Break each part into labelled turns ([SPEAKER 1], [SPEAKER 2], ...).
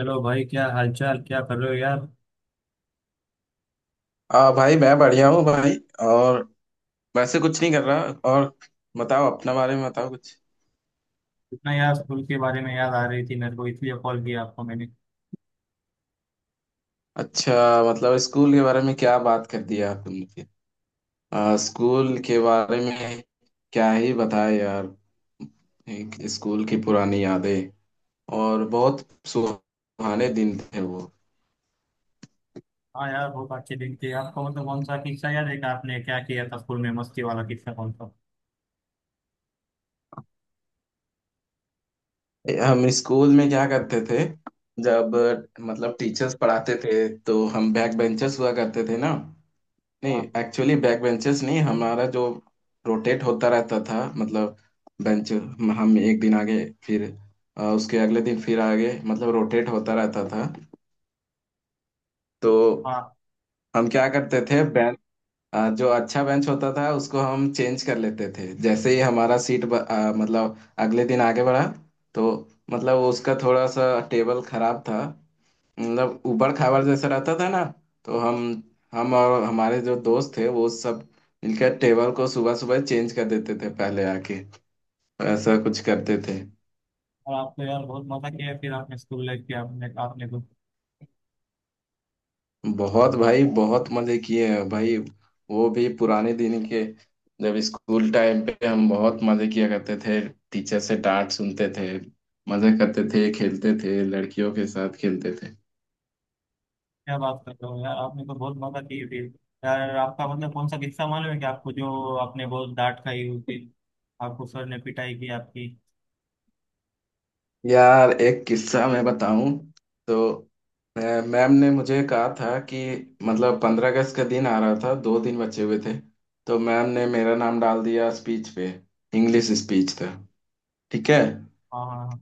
[SPEAKER 1] Hello भाई, क्या हालचाल, क्या कर रहे हो यार।
[SPEAKER 2] आ भाई मैं बढ़िया हूँ भाई। और वैसे कुछ नहीं कर रहा। और बताओ, अपना बारे में बताओ कुछ।
[SPEAKER 1] इतना यार स्कूल के बारे में याद आ रही थी मेरे को, इसलिए कॉल किया आपको मैंने।
[SPEAKER 2] अच्छा, मतलब स्कूल के बारे में क्या बात कर दी यार तुमने फिर। स्कूल के बारे में क्या ही बताए यार। एक स्कूल की पुरानी यादें, और बहुत सुहाने दिन थे वो।
[SPEAKER 1] हाँ यार, बहुत अच्छे दिन थे। आपको मतलब कौन सा किस्सा याद है कि आपने क्या किया था स्कूल में, मस्ती वाला किस्सा कौन सा।
[SPEAKER 2] हम स्कूल में क्या करते थे, जब मतलब टीचर्स पढ़ाते थे तो हम बैक बेंचर्स हुआ करते थे ना। नहीं
[SPEAKER 1] हाँ,
[SPEAKER 2] एक्चुअली बैक बेंचेस नहीं, हमारा जो रोटेट होता रहता था मतलब, बेंच हम एक दिन आगे, फिर उसके अगले दिन फिर आगे, मतलब रोटेट होता रहता था। तो
[SPEAKER 1] हाँ।
[SPEAKER 2] हम क्या करते थे, बेंच जो अच्छा बेंच होता था उसको हम चेंज कर लेते थे। जैसे ही हमारा सीट मतलब अगले दिन आगे बढ़ा, तो मतलब उसका थोड़ा सा टेबल खराब था, मतलब ऊबड़ खाबड़ जैसा रहता था ना। तो हम और हमारे जो दोस्त थे वो सब मिलकर टेबल को सुबह सुबह चेंज कर देते थे पहले आके। ऐसा कुछ करते थे।
[SPEAKER 1] और आप तो यार बहुत मजा किया फिर आपने स्कूल लाइफ की, आपने आपने तो।
[SPEAKER 2] बहुत भाई, बहुत मजे किए हैं भाई। वो भी पुराने दिन के, जब स्कूल टाइम पे हम बहुत मजे किया करते थे। टीचर से डांट सुनते थे, मजे करते थे, खेलते थे, लड़कियों के साथ खेलते थे।
[SPEAKER 1] क्या बात कर रहे हो यार, आपने तो बहुत मजा की फिर। यार आपका मतलब कौन सा किस्सा मालूम है कि आपको, जो आपने बहुत डांट खाई उस दिन, आपको सर ने पिटाई की आपकी।
[SPEAKER 2] यार एक किस्सा मैं बताऊं तो, अ, मैम ने मुझे कहा था कि मतलब 15 अगस्त का दिन आ रहा था, दो दिन बचे हुए थे। तो मैम ने मेरा नाम डाल दिया स्पीच पे, इंग्लिश स्पीच था। ठीक है।
[SPEAKER 1] हाँ हाँ हाँ।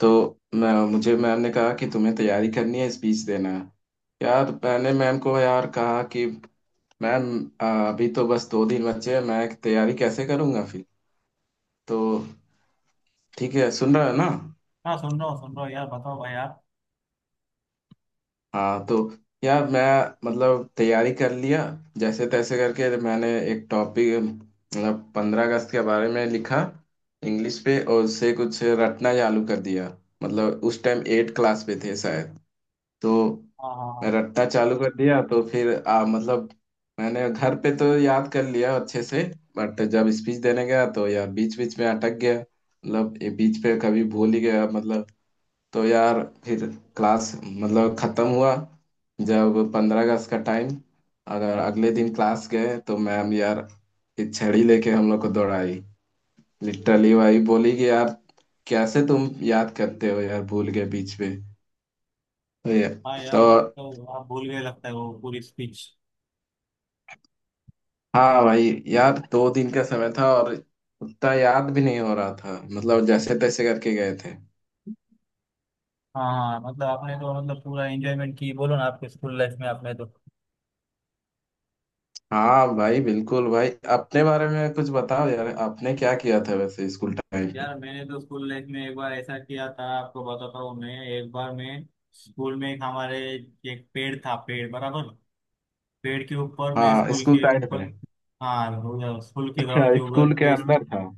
[SPEAKER 2] तो मैं मुझे मैम ने कहा कि तुम्हें तैयारी करनी है, स्पीच देना है। यार मैंने मैम को यार कहा कि मैम, अ, अभी तो बस दो दिन बचे हैं, मैं तैयारी कैसे करूंगा फिर। तो ठीक है, सुन रहा है ना।
[SPEAKER 1] हाँ, सुन रहा हूँ, सुन रहा हूँ यार, बताओ भाई आप।
[SPEAKER 2] हाँ तो यार मैं मतलब तैयारी कर लिया, जैसे तैसे करके। मैंने एक टॉपिक मतलब 15 अगस्त के बारे में लिखा इंग्लिश पे, और उससे कुछ रटना चालू कर दिया। मतलब उस टाइम एट क्लास पे थे शायद। तो
[SPEAKER 1] हाँ हाँ
[SPEAKER 2] मैं
[SPEAKER 1] हाँ।
[SPEAKER 2] रटना चालू कर दिया, तो फिर मतलब मैंने घर पे तो याद कर लिया अच्छे से, बट जब स्पीच देने गया तो यार बीच बीच में अटक गया, मतलब ये बीच पे कभी भूल ही गया मतलब। तो यार फिर क्लास मतलब खत्म हुआ, जब 15 अगस्त का टाइम, अगर अगले दिन क्लास गए, तो मैम यार एक छड़ी लेके हम लोग को दौड़ाई। लिटरली वही बोली कि यार कैसे तुम याद करते हो यार, भूल गए बीच में। तो ये-
[SPEAKER 1] हाँ
[SPEAKER 2] तो
[SPEAKER 1] यार, तो आप भूल गए लगता है वो पूरी स्पीच।
[SPEAKER 2] हाँ भाई यार, दो दिन का समय था और उतना याद भी नहीं हो रहा था, मतलब जैसे तैसे करके गए थे।
[SPEAKER 1] हाँ हाँ, मतलब आपने तो मतलब पूरा एंजॉयमेंट की बोलो ना, आपके स्कूल लाइफ में आपने तो।
[SPEAKER 2] हाँ भाई बिल्कुल भाई। अपने बारे में कुछ बताओ यार, आपने क्या किया था वैसे स्कूल टाइम पे।
[SPEAKER 1] यार मैंने तो स्कूल लाइफ में एक बार ऐसा किया था, आपको बताता हूँ मैं। एक बार मैं स्कूल में एक हमारे एक पेड़ था, पेड़ बराबर। पेड़ के ऊपर मैं,
[SPEAKER 2] हाँ
[SPEAKER 1] स्कूल
[SPEAKER 2] स्कूल
[SPEAKER 1] के
[SPEAKER 2] टाइम पे।
[SPEAKER 1] ऊपर। हाँ, स्कूल के
[SPEAKER 2] अच्छा
[SPEAKER 1] ग्राउंड के
[SPEAKER 2] स्कूल
[SPEAKER 1] ऊपर
[SPEAKER 2] के
[SPEAKER 1] पे।
[SPEAKER 2] अंदर था।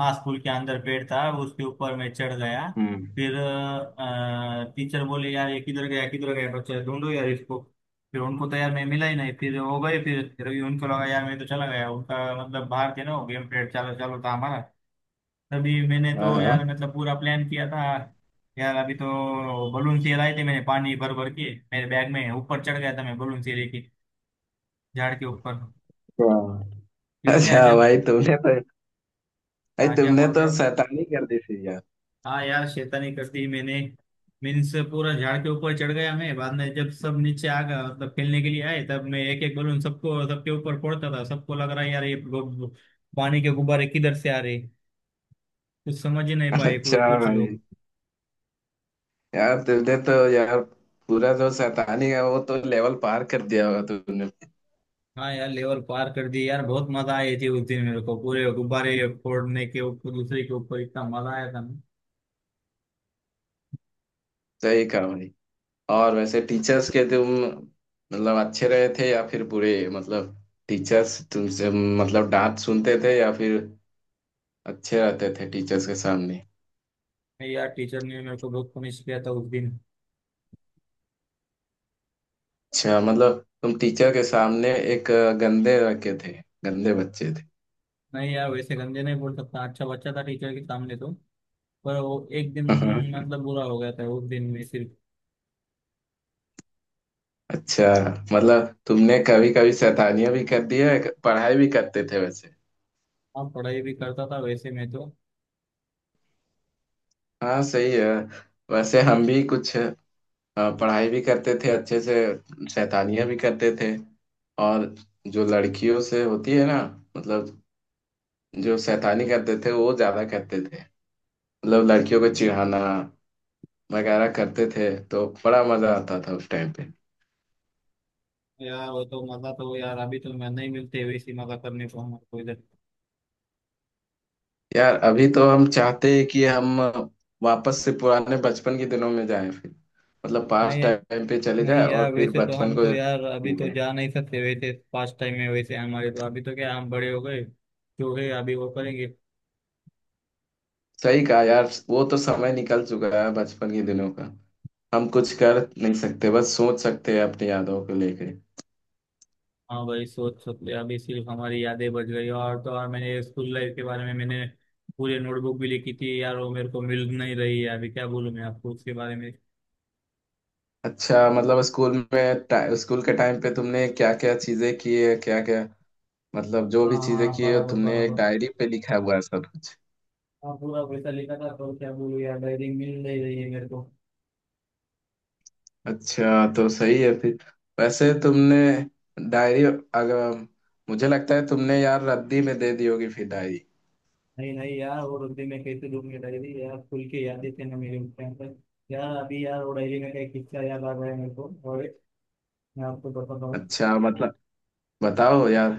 [SPEAKER 1] हाँ, स्कूल के अंदर पेड़ था, उसके ऊपर मैं चढ़ गया।
[SPEAKER 2] हम्म।
[SPEAKER 1] फिर टीचर बोले यार ये किधर गया, किधर गया बच्चा, ढूंढो यार इसको। फिर उनको तो यार मैं मिला ही नहीं, फिर हो गए, फिर भी उनको लगा यार मैं तो चला गया उनका। मतलब बाहर थे ना, गेम पीरियड चालू चालू था हमारा। तभी मैंने
[SPEAKER 2] हाँ
[SPEAKER 1] तो यार
[SPEAKER 2] हाँ
[SPEAKER 1] मतलब पूरा प्लान किया था। यार अभी तो बलून से लाए थे, मैंने पानी भर भर के मेरे बैग में ऊपर चढ़ गया था मैं, बलून से लेके झाड़ के ऊपर।
[SPEAKER 2] हाँ।
[SPEAKER 1] फिर क्या
[SPEAKER 2] अच्छा
[SPEAKER 1] जब।
[SPEAKER 2] भाई, तुमने तो भाई
[SPEAKER 1] हाँ, क्या
[SPEAKER 2] तुमने
[SPEAKER 1] बोल
[SPEAKER 2] तो
[SPEAKER 1] रहे हो।
[SPEAKER 2] शैतानी कर दी थी यार।
[SPEAKER 1] हाँ यार, शैतानी कर दी मैंने। मीन्स पूरा झाड़ के ऊपर चढ़ गया मैं। बाद में जब सब नीचे आ गया मतलब खेलने के लिए आए, तब मैं एक एक बलून सबको, सबके ऊपर फोड़ता था। सबको लग रहा है यार ये पानी के गुब्बारे किधर से आ रहे। कुछ समझ ही नहीं पाए कोई,
[SPEAKER 2] अच्छा
[SPEAKER 1] कुछ
[SPEAKER 2] भाई,
[SPEAKER 1] लोग।
[SPEAKER 2] यार तुमने तो यार पूरा जो शैतानी है वो तो लेवल पार कर दिया होगा तुमने।
[SPEAKER 1] हाँ यार, लेवल पार कर दी यार, बहुत मजा आई थी उस दिन मेरे को पूरे गुब्बारे फोड़ने के, ऊपर दूसरे के ऊपर, इतना मजा आया था ना।
[SPEAKER 2] सही कहा भाई। और वैसे टीचर्स के तुम मतलब अच्छे रहे थे या फिर बुरे, मतलब टीचर्स तुमसे मतलब डांट सुनते थे या फिर अच्छे रहते थे टीचर्स के सामने।
[SPEAKER 1] नहीं यार, टीचर ने मेरे को बहुत पनिश किया था उस दिन।
[SPEAKER 2] अच्छा, मतलब तुम टीचर के सामने एक गंदे लड़के थे, गंदे बच्चे थे।
[SPEAKER 1] नहीं यार, वैसे गंदे नहीं बोल सकता, अच्छा बच्चा था टीचर के सामने तो। पर वो एक दिन मतलब बुरा हो गया था, उस दिन में सिर्फ।
[SPEAKER 2] अच्छा, मतलब तुमने कभी कभी शैतानियां भी कर दी है, पढ़ाई भी करते थे वैसे।
[SPEAKER 1] हाँ, पढ़ाई भी करता था वैसे मैं तो।
[SPEAKER 2] हाँ सही है। वैसे हम भी कुछ पढ़ाई भी करते थे अच्छे से, शैतानियां भी करते थे। और जो लड़कियों से होती है ना, मतलब जो शैतानी करते थे वो ज्यादा करते थे। मतलब लड़कियों को चिढ़ाना वगैरह करते थे, तो बड़ा मजा आता था उस टाइम पे।
[SPEAKER 1] यार वो तो मजा तो यार, अभी तो मैं नहीं मिलते वैसी मजा करने को हमारे को इधर।
[SPEAKER 2] यार अभी तो हम चाहते हैं कि हम वापस से पुराने बचपन के दिनों में जाएं फिर, मतलब पास्ट
[SPEAKER 1] नहीं
[SPEAKER 2] टाइम पे चले
[SPEAKER 1] नहीं
[SPEAKER 2] जाएं और
[SPEAKER 1] यार,
[SPEAKER 2] फिर
[SPEAKER 1] वैसे तो
[SPEAKER 2] बचपन
[SPEAKER 1] हम
[SPEAKER 2] को
[SPEAKER 1] तो यार अभी
[SPEAKER 2] जी
[SPEAKER 1] तो
[SPEAKER 2] लें।
[SPEAKER 1] जा नहीं सकते वैसे पास्ट टाइम में, वैसे हमारे तो अभी तो क्या, हम बड़े हो गए, जो है अभी वो करेंगे।
[SPEAKER 2] सही कहा यार, वो तो समय निकल चुका है बचपन के दिनों का। हम कुछ कर नहीं सकते, बस सोच सकते हैं अपनी यादों को लेके।
[SPEAKER 1] हाँ भाई, सोच सकते अभी, सिर्फ हमारी यादें बच गई और तो और। मैंने स्कूल लाइफ के बारे में मैंने पूरी नोटबुक भी लिखी थी यार, वो मेरे को मिल नहीं रही है अभी, क्या बोलूँ मैं आपको उसके बारे में।
[SPEAKER 2] अच्छा, मतलब स्कूल में स्कूल के टाइम पे तुमने क्या क्या चीजें की है, क्या क्या मतलब जो
[SPEAKER 1] हाँ
[SPEAKER 2] भी चीजें
[SPEAKER 1] हाँ,
[SPEAKER 2] की है
[SPEAKER 1] बराबर
[SPEAKER 2] तुमने एक
[SPEAKER 1] बराबर।
[SPEAKER 2] डायरी पे लिखा हुआ है सब।
[SPEAKER 1] हाँ, पूरा पैसा लिखा था, तो क्या बोलूँ यार, डायरी मिल नहीं रही है मेरे को।
[SPEAKER 2] अच्छा तो सही है फिर। वैसे तुमने डायरी अगर, मुझे लगता है तुमने यार रद्दी में दे दी होगी फिर डायरी।
[SPEAKER 1] नहीं नहीं यार, वो रुपये में कैसे दूंगी डायरी यार, खुल के याद देते ना मेरे उस टाइम पर। यार अभी यार वो डायरी में का एक किस्सा याद आ गया है मेरे को, और मैं आपको बताता हूँ।
[SPEAKER 2] अच्छा मतलब बताओ यार,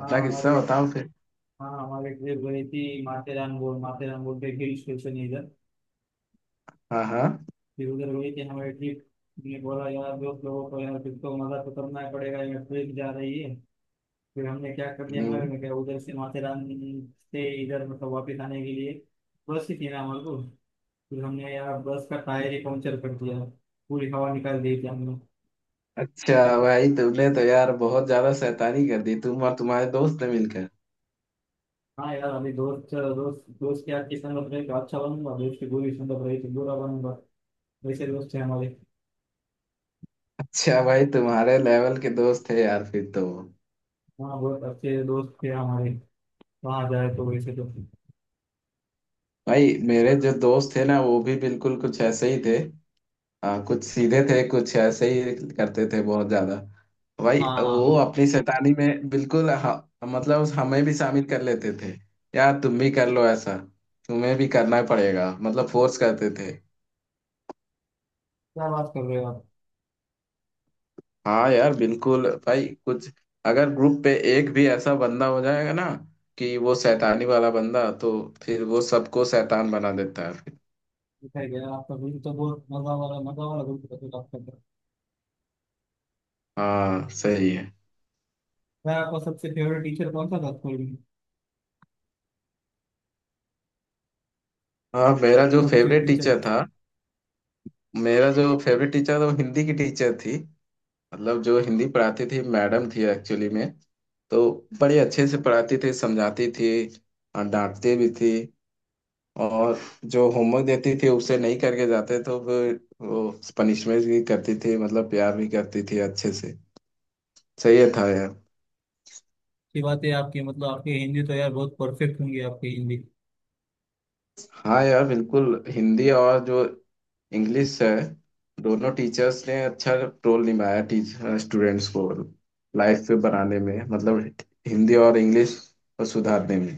[SPEAKER 1] हाँ हमारे,
[SPEAKER 2] किस्सा बताओ फिर।
[SPEAKER 1] हाँ हमारे ट्रिप गई थी माथेरान बोल, माथेरान बोल के हिल स्टेशन है इधर।
[SPEAKER 2] हाँ हाँ।
[SPEAKER 1] फिर उधर गई थी हमारे ट्रिप, ने बोला यार दोस्त लोगों को, यार ट्रिप को मजा तो करना ही पड़ेगा यार, ट्रिप जा रही है। फिर हमने क्या कर दिया,
[SPEAKER 2] हम्म।
[SPEAKER 1] हमारे में क्या, उधर से माथेरान से इधर मतलब वापस आने के लिए बस ही थी ना हमारे को, फिर हमने यार बस का टायर ही पंक्चर कर दिया, पूरी हवा निकाल दी थी हमने।
[SPEAKER 2] अच्छा भाई, तुमने तो यार बहुत ज्यादा शैतानी कर दी, तुम और तुम्हारे दोस्त ने मिलकर।
[SPEAKER 1] हाँ यार, अभी दोस्त दोस्त दोस्त के यार, किसान बन रहे तो अच्छा बनूंगा, दोस्त की गोली सुन रही थी, बुरा बनूंगा वैसे, दोस्त थे हमारे।
[SPEAKER 2] अच्छा भाई, तुम्हारे लेवल के दोस्त थे यार फिर तो।
[SPEAKER 1] हाँ, बहुत अच्छे दोस्त थे हमारे, वहाँ जाए तो वैसे तो।
[SPEAKER 2] भाई मेरे जो दोस्त थे ना वो भी बिल्कुल कुछ ऐसे ही थे। हाँ कुछ सीधे थे, कुछ ऐसे ही करते थे बहुत ज्यादा। भाई
[SPEAKER 1] हाँ हाँ
[SPEAKER 2] वो
[SPEAKER 1] हाँ।
[SPEAKER 2] अपनी शैतानी में बिल्कुल, मतलब हमें भी शामिल कर लेते थे। यार तुम भी कर लो ऐसा, तुम्हें भी करना पड़ेगा, मतलब फोर्स करते थे।
[SPEAKER 1] क्या बात कर रहे हो आप।
[SPEAKER 2] हाँ यार बिल्कुल भाई, कुछ अगर ग्रुप पे एक भी ऐसा बंदा हो जाएगा ना, कि वो शैतानी वाला बंदा, तो फिर वो सबको शैतान बना देता है फिर।
[SPEAKER 1] बताया गया आपका दिन तो बहुत मजा वाला, मजा वाला दिन था तो आपका तो।
[SPEAKER 2] हाँ सही है।
[SPEAKER 1] यार आपका सबसे फेवरेट टीचर कौन सा था स्कूल में,
[SPEAKER 2] हाँ मेरा जो
[SPEAKER 1] सब्जेक्ट
[SPEAKER 2] फेवरेट
[SPEAKER 1] टीचर।
[SPEAKER 2] टीचर था, मेरा जो फेवरेट टीचर था वो हिंदी की टीचर थी। मतलब जो हिंदी पढ़ाती थी मैडम थी एक्चुअली में। तो बड़े अच्छे से पढ़ाती थी, समझाती थी, और डांटती भी थी। और जो होमवर्क देती थी उसे नहीं करके जाते तो फिर वो पनिशमेंट भी करती थी, मतलब प्यार भी करती थी अच्छे से। सही है था यार।
[SPEAKER 1] की बात है आपकी, मतलब आपकी हिंदी तो यार बहुत परफेक्ट होंगी, आपकी हिंदी।
[SPEAKER 2] हाँ यार बिल्कुल, हिंदी और जो इंग्लिश है, दोनों टीचर्स ने अच्छा रोल निभाया टीचर स्टूडेंट्स को लाइफ पे बनाने में, मतलब हिंदी और इंग्लिश को सुधारने में।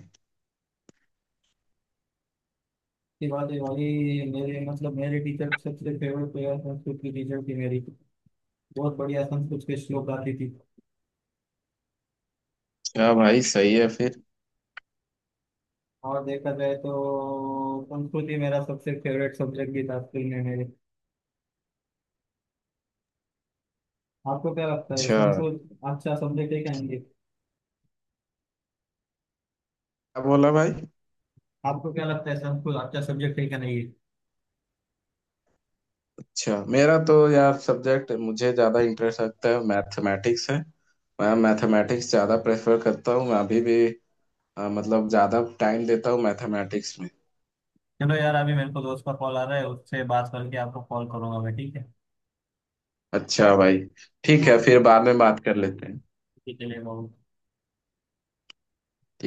[SPEAKER 1] की बात है भाई। मेरे मतलब मेरे टीचर सबसे फेवरेट प्लेयर संस्कृत की टीचर थी मेरी, बहुत बढ़िया संस्कृत के श्लोक गाती थी।
[SPEAKER 2] क्या भाई सही है फिर।
[SPEAKER 1] और देखा जाए तो संस्कृत ही मेरा सबसे फेवरेट सब्जेक्ट भी था स्कूल में मेरे। आपको क्या लगता है,
[SPEAKER 2] अच्छा,
[SPEAKER 1] संस्कृत अच्छा सब्जेक्ट है क्या, नहीं है?
[SPEAKER 2] क्या बोला भाई।
[SPEAKER 1] आपको क्या लगता है, संस्कृत अच्छा सब्जेक्ट है क्या, नहीं है?
[SPEAKER 2] अच्छा मेरा तो यार सब्जेक्ट मुझे ज्यादा इंटरेस्ट लगता है मैथमेटिक्स है। मैं मैथमेटिक्स ज्यादा प्रेफर करता हूँ, मैं अभी भी मतलब ज्यादा टाइम देता हूँ मैथमेटिक्स में।
[SPEAKER 1] चलो यार, अभी मेरे को दोस्त का कॉल आ रहा है, उससे बात करके आपको कॉल करूंगा मैं, ठीक है।
[SPEAKER 2] अच्छा भाई, ठीक है फिर,
[SPEAKER 1] ओके,
[SPEAKER 2] बाद में बात कर लेते हैं।
[SPEAKER 1] चलिए बहुत।